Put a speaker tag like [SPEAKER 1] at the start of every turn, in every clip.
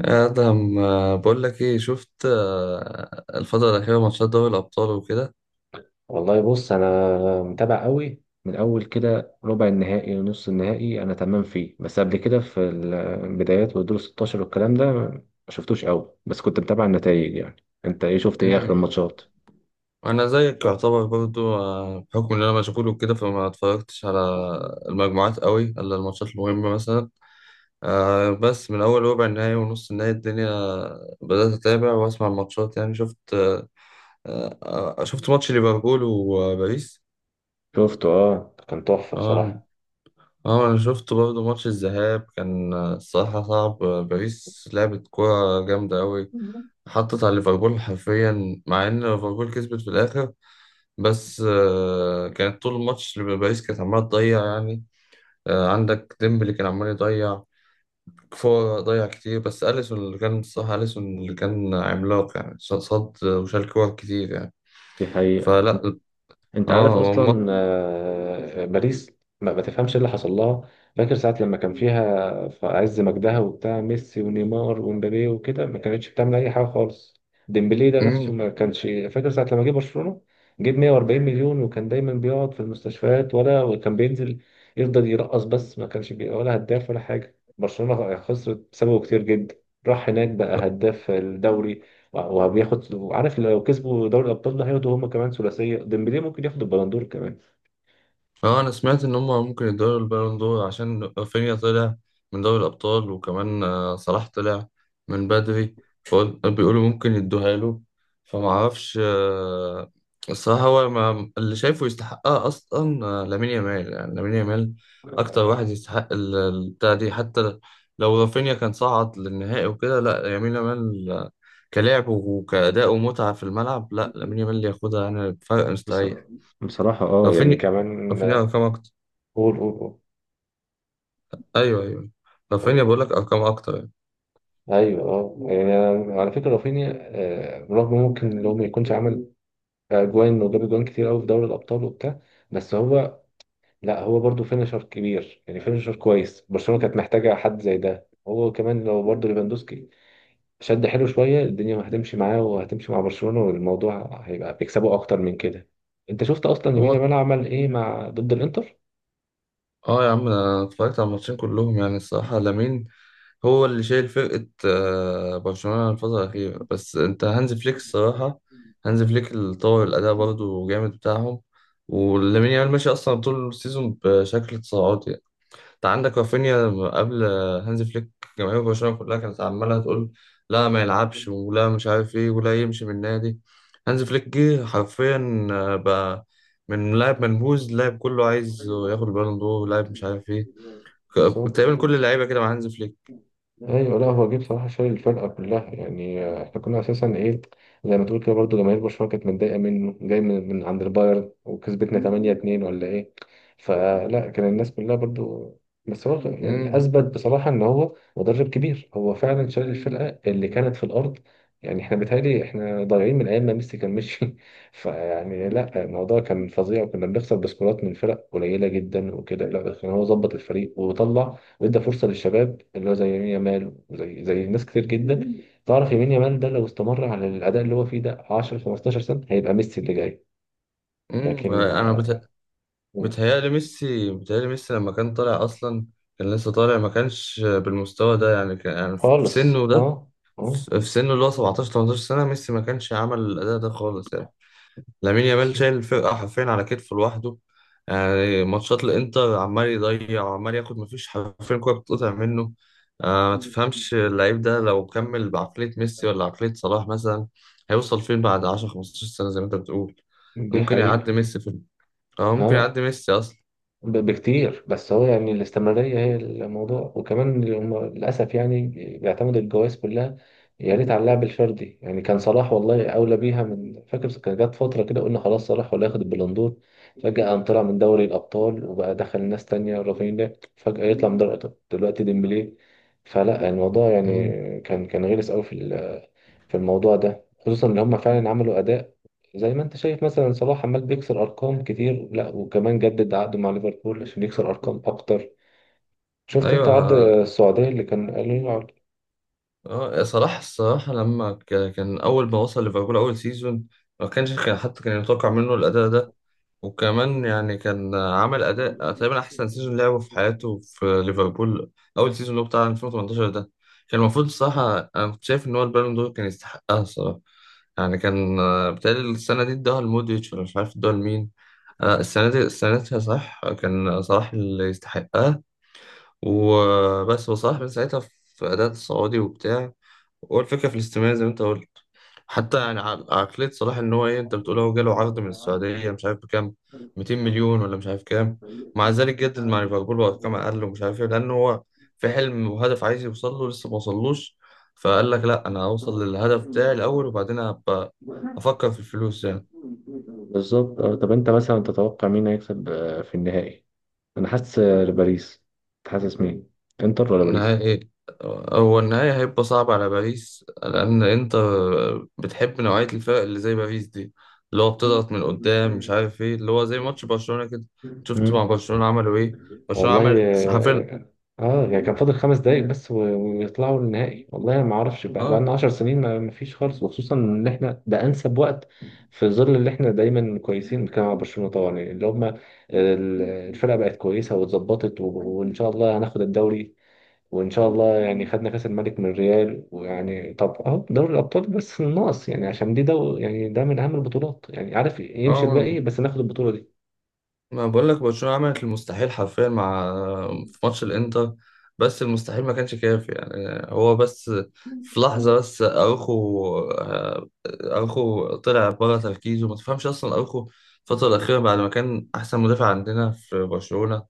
[SPEAKER 1] ادهم، بقول لك ايه شفت الفتره الاخيره ماتشات دوري الابطال وكده.
[SPEAKER 2] والله بص انا متابع قوي من اول كده، ربع النهائي ونص النهائي انا تمام فيه، بس قبل كده في البدايات والدور 16 والكلام ده ما شفتوش قوي، بس كنت متابع النتائج يعني. انت ايه شفت ايه اخر
[SPEAKER 1] امم
[SPEAKER 2] الماتشات؟
[SPEAKER 1] وانا زيك يعتبر برضو، بحكم ان انا مشغول وكده فما اتفرجتش على المجموعات قوي الا الماتشات المهمه مثلا. بس من اول ربع النهائي ونص النهائي الدنيا بدات اتابع واسمع الماتشات. يعني شفت، شفت ماتش ليفربول وباريس.
[SPEAKER 2] شفته اه، كان تحفة
[SPEAKER 1] اه.
[SPEAKER 2] بصراحة.
[SPEAKER 1] اه انا شفت برضه ماتش الذهاب، كان الصراحة صعب. باريس لعبت كورة جامدة أوي، حطت على ليفربول حرفيا، مع ان ليفربول كسبت في الاخر. بس كانت طول الماتش اللي باريس كانت عماله تضيع يعني. عندك ديمبلي كان عمال يضيع، كفور ضيع كتير، بس اليسون اللي كان الصراحه اليسون اللي كان عملاق يعني، صد وشال كور كتير يعني.
[SPEAKER 2] دي حقيقة.
[SPEAKER 1] فلا.
[SPEAKER 2] انت
[SPEAKER 1] اه
[SPEAKER 2] عارف
[SPEAKER 1] هو ماتش.
[SPEAKER 2] اصلا، باريس ما تفهمش ايه اللي حصل لها. فاكر ساعة لما كان فيها في عز مجدها وبتاع ميسي ونيمار ومبابي وكده، ما كانتش بتعمل اي حاجة خالص. ديمبلي ده نفسه ما كانش. فاكر ساعة لما جه برشلونة جيب 140 مليون، وكان دايما بيقعد في المستشفيات، ولا وكان بينزل يفضل يرقص بس، ما كانش ولا هداف ولا حاجة. برشلونة خسرت بسببه كتير جدا. راح هناك بقى هداف الدوري وبياخد، وعارف لو كسبوا دوري الابطال ده هياخدوا هم كمان ثلاثيه، ديمبلي ممكن ياخد البلندور كمان.
[SPEAKER 1] اه انا سمعت ان هم ممكن يدوروا البالون دور عشان رافينيا طلع من دوري الابطال، وكمان صلاح طلع من بدري، فبيقولوا ممكن يدوها له. فما اعرفش، الصراحه هو ما اللي شايفه يستحقها اصلا لامين يامال. يعني لامين يامال اكتر واحد يستحق البتاع دي. حتى لو رافينيا كان صعد للنهائي وكده، لا لامين يامال، كلاعب وكأداء ومتعه في الملعب، لا لامين يامال اللي ياخدها يعني بفرق
[SPEAKER 2] بص-
[SPEAKER 1] مستريح.
[SPEAKER 2] بصراحه اه، يعني
[SPEAKER 1] رافينيا،
[SPEAKER 2] كمان
[SPEAKER 1] رافينيا رقم أكتر.
[SPEAKER 2] قول قول قول
[SPEAKER 1] ايوه ايوه، رافينيا
[SPEAKER 2] قول.
[SPEAKER 1] بقول لك ارقام اكتر يعني.
[SPEAKER 2] ايوه اه، يعني أنا على فكره رافينيا، رغم ممكن لو ما يكونش عمل اجوان، وجاب اجوان كتير قوي في دوري الابطال وبتاع. بس هو، لا هو برضه فينشر كبير يعني، فينشر كويس، برشلونه كانت محتاجه حد زي ده، هو كمان لو برضه ليفاندوسكي شد حلو شوية الدنيا هتمشي معاه وهتمشي مع برشلونة، والموضوع هيبقى بيكسبوا أكتر من كده. أنت شفت أصلا يمين
[SPEAKER 1] هو
[SPEAKER 2] يامال عمل إيه مع ضد الإنتر؟
[SPEAKER 1] اه يا عم انا اتفرجت على الماتشين كلهم، يعني الصراحه لامين هو اللي شايل فرقه برشلونه الفتره الاخيره. بس انت هانز فليك الصراحه، هانز فليك اللي طور الاداء برضه جامد بتاعهم. ولامين يامال ماشي اصلا طول السيزون بشكل تصاعدي. انت عندك رافينيا قبل هانز فليك جماهير برشلونة كلها كانت عمالة تقول لا ما يلعبش ولا مش عارف ايه ولا يمشي من النادي. هانز فليك جه حرفيا، بقى من لاعب منبوذ لاعب كله عايز ياخد البالون دور، لاعب مش عارف ايه.
[SPEAKER 2] بالظبط.
[SPEAKER 1] تقريبا كل اللعيبة كده مع هانز فليك.
[SPEAKER 2] ايوه، لا هو جه بصراحه شايل الفرقه كلها يعني، احنا كنا اساسا ايه، زي ما تقول كده برضه جماهير برشلونه كانت متضايقه منه، جاي من عند البايرن وكسبتنا 8-2 ولا ايه. فلا، كان الناس كلها برضه، بس هو يعني
[SPEAKER 1] امم
[SPEAKER 2] اثبت بصراحه ان هو مدرب كبير، هو فعلا شايل الفرقه اللي كانت في الارض. يعني احنا بيتهيألي احنا ضايعين من ايام ما ميسي كان مشي، فيعني لا الموضوع كان فظيع، وكنا بنخسر بسكورات من فرق قليله جدا وكده، لا كان هو ظبط الفريق وطلع، وادى فرصه للشباب اللي هو زي يمين يامال وزي ناس كتير جدا. تعرف يمين يامال ده لو استمر على الاداء اللي هو فيه ده 10 15 سنه، هيبقى ميسي اللي جاي. لكن.
[SPEAKER 1] انا
[SPEAKER 2] آه.
[SPEAKER 1] بتهيألي ميسي، بتهيألي ميسي لما كان طالع اصلا كان لسه طالع ما كانش بالمستوى ده يعني. كان يعني في
[SPEAKER 2] خالص
[SPEAKER 1] سنه ده،
[SPEAKER 2] اه. اه.
[SPEAKER 1] في سنه اللي هو 17 18 سنة، ميسي ما كانش عمل الأداء ده خالص يعني. لامين يامال شايل الفرقة حرفيا على كتفه لوحده. يعني ماتشات الإنتر عمال يضيع وعمال ياخد، مفيش حرفيا كورة بتتقطع منه. آه ما تفهمش، اللعيب ده لو كمل بعقلية ميسي ولا عقلية صلاح مثلا، هيوصل فين بعد 10 15 سنة زي ما أنت بتقول؟
[SPEAKER 2] دي
[SPEAKER 1] ممكن يعدي
[SPEAKER 2] حقيقه.
[SPEAKER 1] ميسي في، اه ممكن
[SPEAKER 2] اه
[SPEAKER 1] يعدي ميسي أصلا.
[SPEAKER 2] بكتير، بس هو يعني الاستمرارية هي الموضوع، وكمان هم للأسف يعني بيعتمدوا الجوائز كلها. يا ريت على اللعب الفردي، يعني كان صلاح والله أولى بيها من، فاكر كان جت فترة كده قلنا خلاص صلاح ولا ياخد البالون دور، فجأة قام طلع من دوري الأبطال، وبقى دخل ناس تانية، رافينيا فجأة يطلع من دوري الأبطال، دلوقتي ديمبلي. فلا الموضوع يعني
[SPEAKER 1] مم.
[SPEAKER 2] كان غلس أوي في في الموضوع ده، خصوصا إن هم فعلا عملوا أداء، زي ما انت شايف مثلا صلاح عمال بيكسر ارقام كتير، لا وكمان جدد عقده مع ليفربول عشان يكسر ارقام اكتر. شفت انت عرض
[SPEAKER 1] أيوه
[SPEAKER 2] السعودية اللي كان قالوا له عرض؟
[SPEAKER 1] اه صلاح الصراحة لما كان أول ما وصل ليفربول أول سيزون، ما كانش كان، حتى كان يتوقع منه الأداء ده. وكمان يعني كان عمل أداء تقريبا أحسن سيزون لعبه في حياته في ليفربول، أول سيزون اللي هو بتاع 2018 ده، كان المفروض الصراحة أنا كنت شايف إن هو البالون دور كان يستحقها الصراحة. يعني كان، بتهيألي السنة دي اداها لمودريتش ولا مش عارف اداها لمين. السنة دي، السنة دي صح كان صلاح اللي يستحقها. وبس وصلاح من ساعتها في أداء السعودي وبتاع، هو الفكرة في الاستماع زي ما انت قلت. حتى يعني عقلية صلاح ان هو ايه، انت بتقول هو جاله عرض من السعودية مش عارف بكام، 200 مليون ولا مش عارف كام، مع ذلك جدد مع ليفربول بأرقام أقل ومش عارف ايه، لأن هو في حلم وهدف عايز يوصل له لسه ما وصلوش. فقال لك لا أنا هوصل للهدف بتاعي الأول وبعدين أبقى أفكر في الفلوس يعني.
[SPEAKER 2] بالظبط اه. طب انت مثلا تتوقع مين هيكسب، في النهائي؟ انا حاسس، باريس. أنت حاسس مين، انتر ولا باريس؟
[SPEAKER 1] نهائي، هو النهائي هيبقى صعب على باريس، لأن أنت بتحب نوعية الفرق اللي زي باريس دي اللي هو بتضغط من قدام مش عارف إيه، اللي هو زي ماتش برشلونة كده. شفت
[SPEAKER 2] مم.
[SPEAKER 1] مع برشلونة عملوا إيه؟ برشلونة
[SPEAKER 2] والله
[SPEAKER 1] عملت حرفيا.
[SPEAKER 2] اه، يعني كان فاضل خمس دقايق بس ويطلعوا النهائي، والله ما اعرفش، بقى
[SPEAKER 1] آه
[SPEAKER 2] لنا 10 سنين ما فيش خالص، وخصوصا ان احنا ده انسب وقت، في ظل اللي احنا دايما كويسين، بنتكلم على برشلونة طبعا، يعني اللي هم الفرقة بقت كويسة واتظبطت، وان شاء الله هناخد الدوري. وان شاء الله يعني، خدنا كاس الملك من الريال، ويعني طب اهو دوري الابطال بس ناقص، يعني عشان دي يعني ده من اهم البطولات يعني، عارف يمشي
[SPEAKER 1] آه
[SPEAKER 2] الباقي بس ناخد البطولة
[SPEAKER 1] ما بقول لك برشلونة عملت المستحيل حرفيا مع، في ماتش الانتر. بس المستحيل ما كانش كافي يعني. هو بس في لحظة، بس اروخو، اروخو طلع بره تركيزه، ما تفهمش اصلا اروخو الفترة الأخيرة بعد ما كان أحسن مدافع عندنا في برشلونة،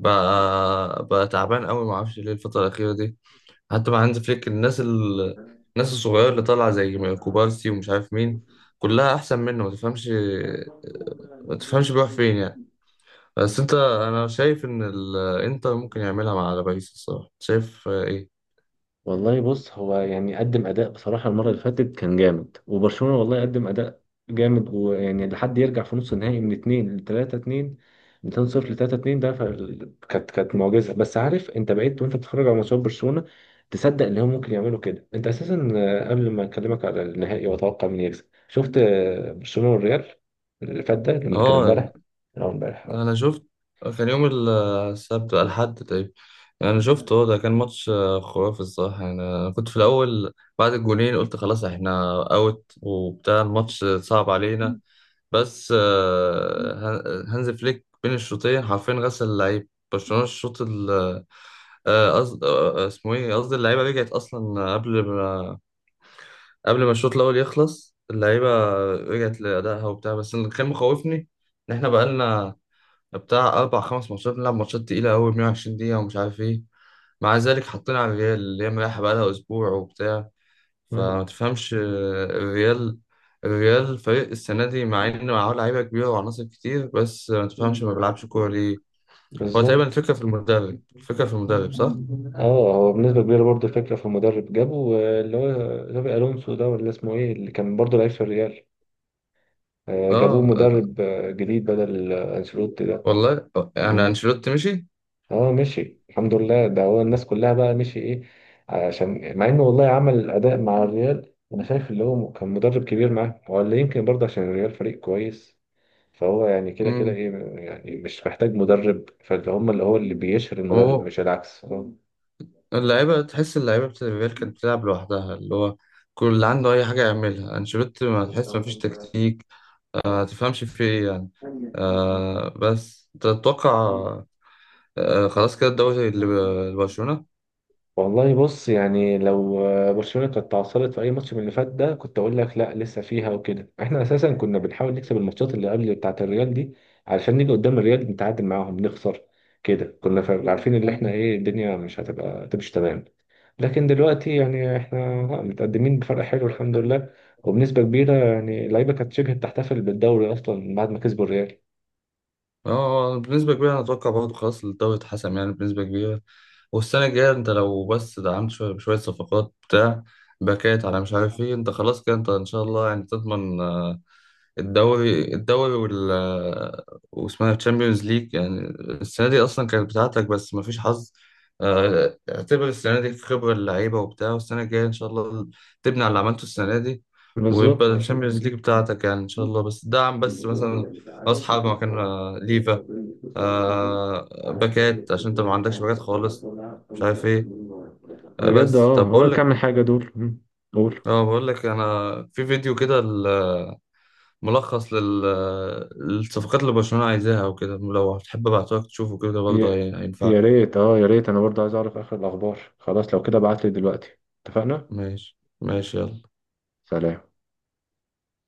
[SPEAKER 1] بقى تعبان قوي ما أعرفش ليه الفترة الأخيرة دي. حتى مع هانز فليك الناس الصغيرة اللي طالعة زي كوبارسي ومش عارف مين، كلها أحسن منه. ما تفهمش، ما تفهمش بيروح فين يعني.
[SPEAKER 2] دي.
[SPEAKER 1] بس انت انا شايف ان الانتر ممكن يعملها مع باريس الصراحه، شايف ايه.
[SPEAKER 2] والله بص، هو يعني قدم اداء بصراحه، المره اللي فاتت كان جامد، وبرشلونه والله قدم اداء جامد، ويعني لحد يرجع في نص النهائي من 2 ل 3-2، من 2-0 ل 3-2 ده. كانت معجزه. بس عارف انت بقيت وانت بتتفرج على ماتشات برشلونه، تصدق ان هم ممكن يعملوا كده. انت اساسا، قبل ما اكلمك على النهائي واتوقع مين يكسب، شفت، برشلونه والريال اللي فات ده اللي كان
[SPEAKER 1] اه
[SPEAKER 2] امبارح، أو امبارح.
[SPEAKER 1] انا شفت، كان يوم السبت الحد تقريبا. انا شفت، هو ده كان ماتش خرافي الصراحه. يعني انا كنت في الاول بعد الجولين قلت خلاص احنا اوت وبتاع، الماتش صعب علينا. بس، هانز فليك بين الشوطين حرفيا غسل اللعيب برشلونه الشوط اسمه ايه، قصدي اللعيبه رجعت اصلا قبل، قبل ما الشوط الاول يخلص اللعيبه رجعت لادائها وبتاع. بس اللي كان مخوفني ان احنا بقالنا بتاع اربع خمس ماتشات بنلعب ماتشات تقيله قوي 120 دقيقه ومش عارف ايه. مع ذلك حطينا على الريال اللي هي مريحه بقالها اسبوع وبتاع. فما تفهمش، الريال، الريال فريق السنه دي مع انه معاه لعيبه كبيره وعناصر كتير بس ما تفهمش ما بيلعبش كوره ليه. هو تقريبا
[SPEAKER 2] بالظبط
[SPEAKER 1] الفكره في المدرب، الفكره في المدرب صح.
[SPEAKER 2] اه، هو بنسبة كبيرة برضه الفكرة في المدرب، جابوا، اللي هو جابي ألونسو ده، ولا اسمه ايه، اللي كان برضه لعيب في الريال، جابوه
[SPEAKER 1] اه آه،
[SPEAKER 2] مدرب جديد بدل أنشيلوتي ده.
[SPEAKER 1] والله آه، يعني
[SPEAKER 2] مم.
[SPEAKER 1] انشيلوتي مشي.
[SPEAKER 2] اه مشي الحمد لله، ده هو الناس كلها بقى مشي ايه، عشان مع انه والله عمل أداء مع الريال، أنا شايف اللي هو كان مدرب كبير معاه، هو اللي يمكن برضه عشان الريال فريق كويس، فهو يعني كده كده ايه، يعني مش محتاج مدرب، فاللي هم اللي هو اللي بيشهر المدرب
[SPEAKER 1] امم
[SPEAKER 2] مش العكس.
[SPEAKER 1] اللعيبة، تحس اللعيبة بتاعت الريال كانت بتلعب لوحدها، اللي هو كل اللي عنده أي حاجة يعملها أنشيلوتي، ما تحس مفيش تكتيك، آه تفهمش في إيه يعني. آه بس تتوقع، آه خلاص كده الدوري لبرشلونة.
[SPEAKER 2] والله بص يعني، لو برشلونة كانت تعثرت في أي ماتش من اللي فات ده، كنت أقول لك لا لسه فيها وكده، إحنا أساسا كنا بنحاول نكسب الماتشات اللي قبل بتاعة الريال دي، علشان نيجي قدام الريال نتعادل معاهم نخسر كده، كنا عارفين إن إحنا
[SPEAKER 1] مم.
[SPEAKER 2] إيه، الدنيا مش هتبقى تمشي تمام. لكن دلوقتي يعني إحنا لا، متقدمين بفرق حلو الحمد لله، وبنسبة كبيرة يعني اللعيبة كانت شبه بتحتفل بالدوري أصلا بعد ما كسبوا الريال.
[SPEAKER 1] اه بنسبة كبيرة أنا أتوقع برضه خلاص الدوري اتحسم يعني بنسبة كبيرة. والسنة الجاية أنت لو بس دعمت شوية بشوية صفقات بتاع، باكات على مش عارف إيه، أنت خلاص كده أنت إن شاء الله يعني تضمن الدوري، الدوري وال، واسمها تشامبيونز ليج يعني. السنة دي أصلا كانت بتاعتك بس مفيش حظ. اعتبر السنة دي في خبرة اللعيبة وبتاع، والسنة الجاية إن شاء الله تبني على اللي عملته السنة دي،
[SPEAKER 2] بالظبط.
[SPEAKER 1] ويبقى الشامبيونز ليج بتاعتك يعني إن شاء الله. بس دعم، بس مثلا رأس حربة مكان ليفا، باكات عشان أنت ما عندكش باكات خالص، مش عارف إيه.
[SPEAKER 2] بجد
[SPEAKER 1] بس
[SPEAKER 2] اه،
[SPEAKER 1] طب
[SPEAKER 2] هو
[SPEAKER 1] بقول
[SPEAKER 2] اللي
[SPEAKER 1] لك،
[SPEAKER 2] كام حاجة دول. مم. قول.
[SPEAKER 1] اه بقول لك أنا في فيديو كده ملخص للصفقات اللي برشلونة عايزاها وكده، لو هتحب ابعتهولك تشوفه كده برضه
[SPEAKER 2] يا
[SPEAKER 1] هينفعك.
[SPEAKER 2] يا ريت اه يا ريت، انا برضه عايز اعرف اخر الاخبار، خلاص لو كده ابعت لي دلوقتي، اتفقنا.
[SPEAKER 1] ماشي ماشي يلا.
[SPEAKER 2] سلام.